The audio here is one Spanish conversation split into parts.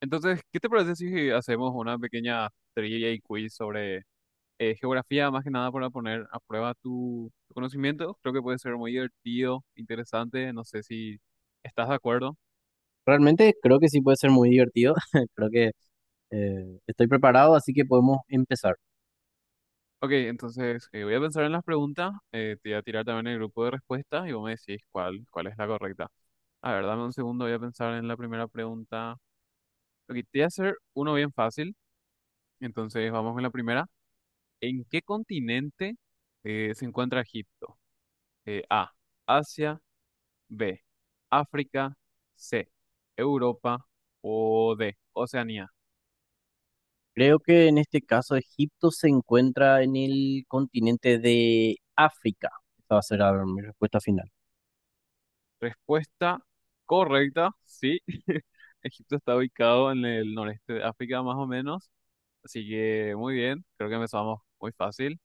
Entonces, ¿qué te parece si hacemos una pequeña trivia y quiz sobre geografía, más que nada para poner a prueba tu conocimiento? Creo que puede ser muy divertido, interesante, no sé si estás de acuerdo. Realmente creo que sí puede ser muy divertido. Creo que estoy preparado, así que podemos empezar. Ok, entonces voy a pensar en las preguntas, te voy a tirar también el grupo de respuestas y vos me decís cuál es la correcta. A ver, dame un segundo, voy a pensar en la primera pregunta. Ok, te voy a hacer uno bien fácil, entonces vamos con la primera. ¿En qué continente se encuentra Egipto? A. Asia. B, África, C, Europa o D, Oceanía. Creo que en este caso Egipto se encuentra en el continente de África. Esta va a ser mi respuesta final. Respuesta correcta, sí. Egipto está ubicado en el noreste de África más o menos, así que muy bien, creo que empezamos muy fácil.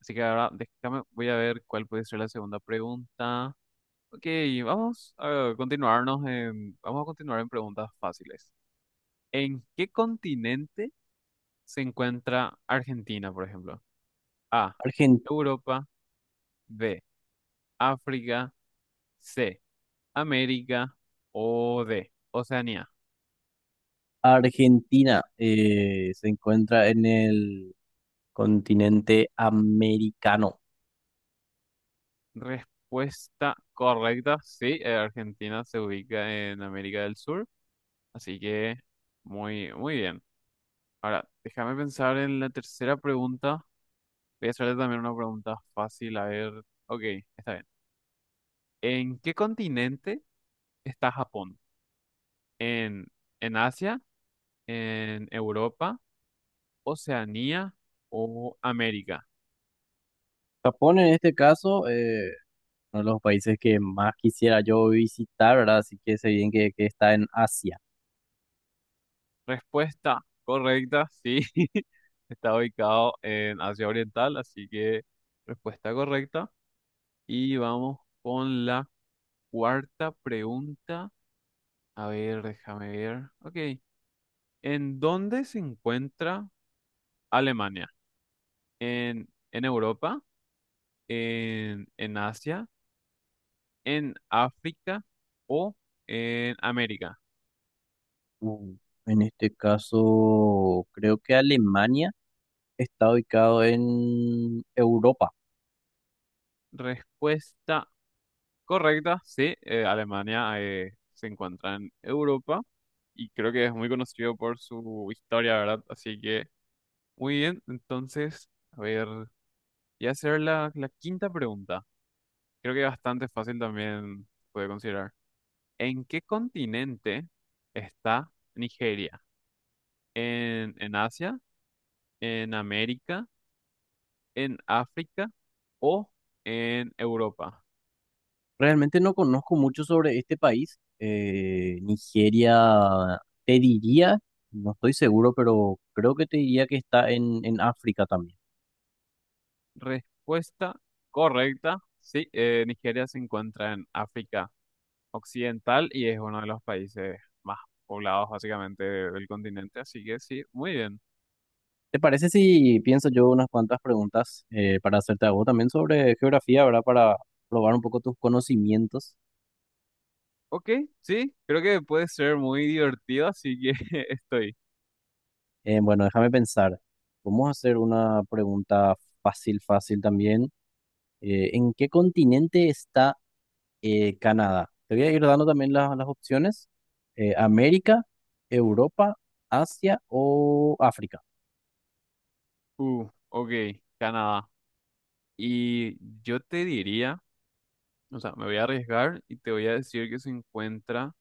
Así que ahora déjame, voy a ver cuál puede ser la segunda pregunta. Ok, vamos a continuar en preguntas fáciles. ¿En qué continente se encuentra Argentina, por ejemplo? A, Argen- Europa, B, África, C, América o D, Oceanía. Argentina se encuentra en el continente americano. Respuesta correcta, sí, Argentina se ubica en América del Sur, así que muy bien. Ahora, déjame pensar en la tercera pregunta. Voy a hacerte también una pregunta fácil, a ver. Ok, está bien. ¿En qué continente está Japón? ¿En, ¿en Asia? ¿En Europa? ¿Oceanía o América? Japón en este caso, uno de los países que más quisiera yo visitar, ¿verdad? Así que sé bien que está en Asia. Respuesta correcta, sí. Está ubicado en Asia Oriental, así que respuesta correcta. Y vamos con la cuarta pregunta. A ver, déjame ver. Ok. ¿En dónde se encuentra Alemania? ¿En Europa? ¿En Asia? ¿En África? ¿O en América? Mm, En este caso, creo que Alemania está ubicado en Europa. Respuesta correcta, sí. Alemania se encuentra en Europa y creo que es muy conocido por su historia, ¿verdad? Así que, muy bien. Entonces, a ver, voy a hacer la quinta pregunta. Creo que bastante fácil también puede considerar. ¿En qué continente está Nigeria? ¿En Asia? ¿En América? ¿En África? ¿O en Europa? Realmente no conozco mucho sobre este país. Nigeria, te diría, no estoy seguro, pero creo que te diría que está en África también. Respuesta correcta. Sí, Nigeria se encuentra en África Occidental y es uno de los países más poblados básicamente del continente, así que sí, muy bien. ¿Te parece si pienso yo unas cuantas preguntas para hacerte a vos también sobre geografía, ¿verdad? Para probar un poco tus conocimientos. Ok, sí, creo que puede ser muy divertido, así que estoy. Bueno, déjame pensar. Vamos a hacer una pregunta fácil, fácil también. ¿En qué continente está Canadá? Te voy a ir dando también las opciones. América, Europa, Asia o África. Ok, Canadá. Y yo te diría, o sea, me voy a arriesgar y te voy a decir que se encuentra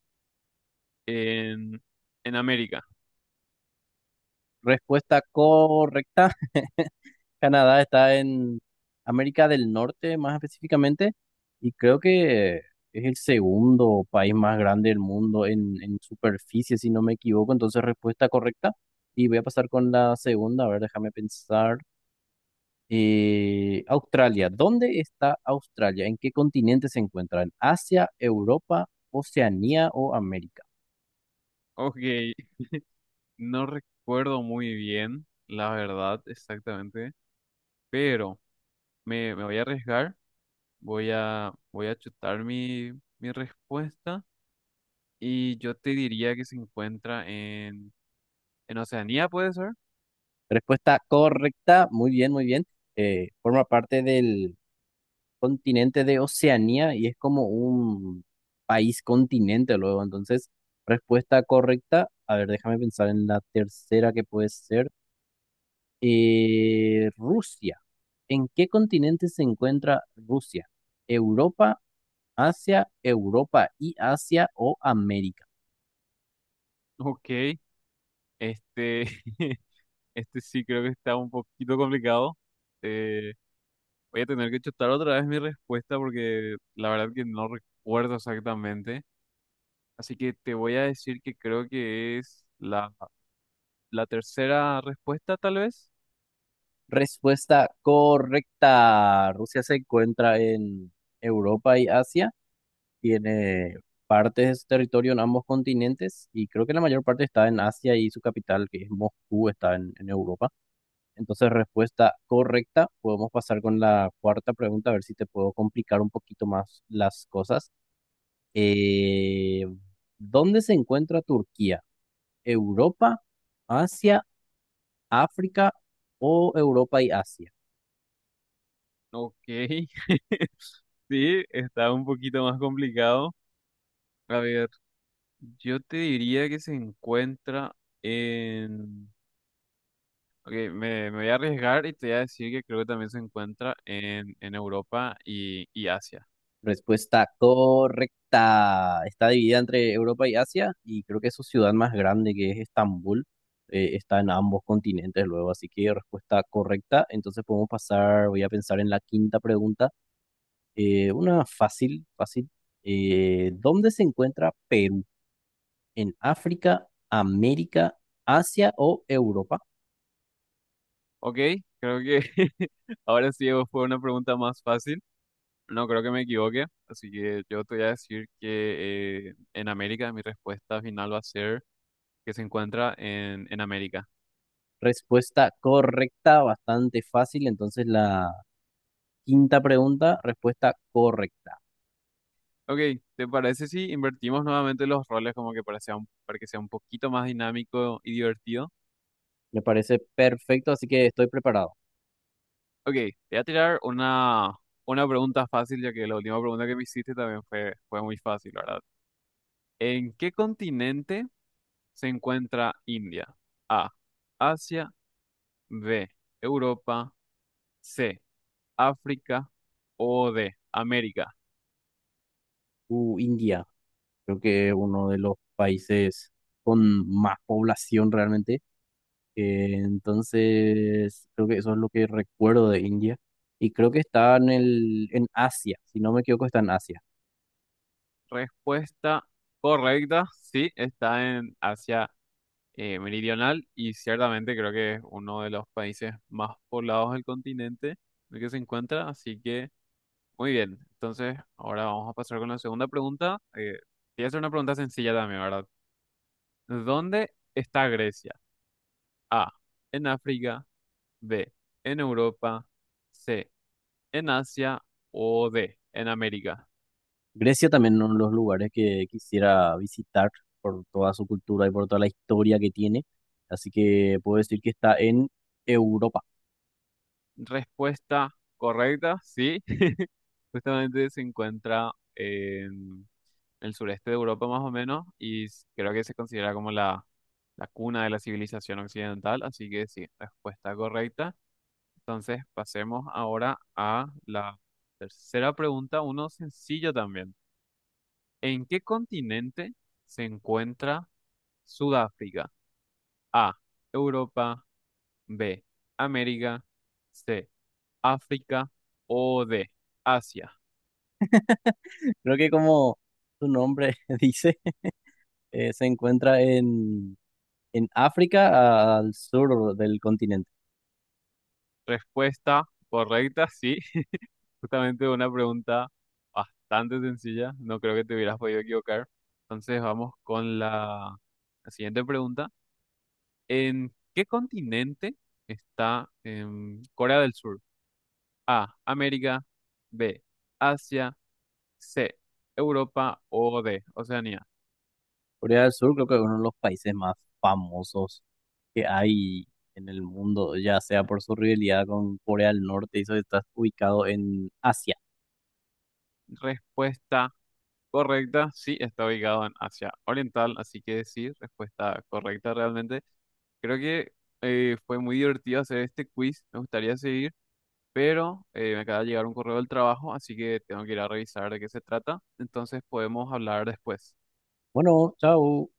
en, en América. Respuesta correcta. Canadá está en América del Norte, más específicamente, y creo que es el segundo país más grande del mundo en superficie, si no me equivoco. Entonces, respuesta correcta. Y voy a pasar con la segunda. A ver, déjame pensar. Australia, ¿dónde está Australia? ¿En qué continente se encuentra? ¿En Asia, Europa, Oceanía o América? Ok, no recuerdo muy bien, la verdad, exactamente, pero me voy a arriesgar, voy a chutar mi respuesta y yo te diría que se encuentra en Oceanía, ¿puede ser? Respuesta correcta, muy bien, muy bien. Forma parte del continente de Oceanía y es como un país continente luego. Entonces, respuesta correcta. A ver, déjame pensar en la tercera que puede ser. Rusia. ¿En qué continente se encuentra Rusia? ¿Europa? Asia, Europa y Asia o América. Ok, este, este sí creo que está un poquito complicado. Eh, voy a tener que chutar otra vez mi respuesta porque la verdad que no recuerdo exactamente. Así que te voy a decir que creo que es la tercera respuesta, tal vez. Respuesta correcta. Rusia se encuentra en Europa y Asia. Tiene partes de su territorio en ambos continentes y creo que la mayor parte está en Asia y su capital, que es Moscú, está en Europa. Entonces, respuesta correcta. Podemos pasar con la cuarta pregunta, a ver si te puedo complicar un poquito más las cosas. Eh, ¿Dónde se encuentra Turquía? ¿Europa, Asia, África o Europa y Asia? Ok. Sí, está un poquito más complicado. A ver, yo te diría que se encuentra en... Ok, me voy a arriesgar y te voy a decir que creo que también se encuentra en Europa y Asia. Respuesta correcta. Está dividida entre Europa y Asia y creo que su ciudad más grande, que es Estambul, está en ambos continentes luego. Así que respuesta correcta. Entonces podemos pasar, voy a pensar en la quinta pregunta. Una fácil, fácil. ¿Dónde se encuentra Perú? ¿En África, América, Asia o Europa? Ok, creo que ahora sí fue una pregunta más fácil. No creo que me equivoque, así que yo te voy a decir que en América mi respuesta final va a ser que se encuentra en América. Respuesta correcta, bastante fácil. Entonces la... Quinta pregunta, respuesta correcta. Ok, ¿te parece si invertimos nuevamente los roles como que para que sea un poquito más dinámico y divertido? Me parece perfecto, así que estoy preparado. Ok, te voy a tirar una pregunta fácil, ya que la última pregunta que me hiciste también fue muy fácil, ¿verdad? ¿En qué continente se encuentra India? A, Asia, B, Europa, C, África o D, América. India, creo que es uno de los países con más población realmente. Entonces, creo que eso es lo que recuerdo de India. Y creo que está en el, en Asia, si no me equivoco, está en Asia. Respuesta correcta, sí, está en Asia meridional y ciertamente creo que es uno de los países más poblados del continente en el que se encuentra, así que muy bien. Entonces, ahora vamos a pasar con la segunda pregunta. Te voy a hacer una pregunta sencilla también, ¿verdad? ¿Dónde está Grecia? A, en África, B, en Europa, C, en Asia o D, en América. Grecia también uno de los lugares que quisiera visitar por toda su cultura y por toda la historia que tiene. Así que puedo decir que está en Europa. Respuesta correcta, sí, justamente se encuentra en el sureste de Europa más o menos, y creo que se considera como la cuna de la civilización occidental, así que sí, respuesta correcta. Entonces pasemos ahora a la tercera pregunta, uno sencillo también. ¿En qué continente se encuentra Sudáfrica? A, Europa, B, América, C, África o D, Asia. Creo que como su nombre dice, se encuentra en África al sur del continente. Respuesta correcta, sí, justamente una pregunta bastante sencilla, no creo que te hubieras podido equivocar. Entonces vamos con la siguiente pregunta. ¿En qué continente está Corea del Sur? A, América, B, Asia, C, Europa o D, Oceanía. Corea del Sur creo que es uno de los países más famosos que hay en el mundo, ya sea por su rivalidad con Corea del Norte y eso está ubicado en Asia. Respuesta correcta, sí, está ubicado en Asia Oriental, así que sí, respuesta correcta realmente. Creo que fue muy divertido hacer este quiz. Me gustaría seguir, pero me acaba de llegar un correo del trabajo, así que tengo que ir a revisar de qué se trata. Entonces podemos hablar después. Bueno, chao.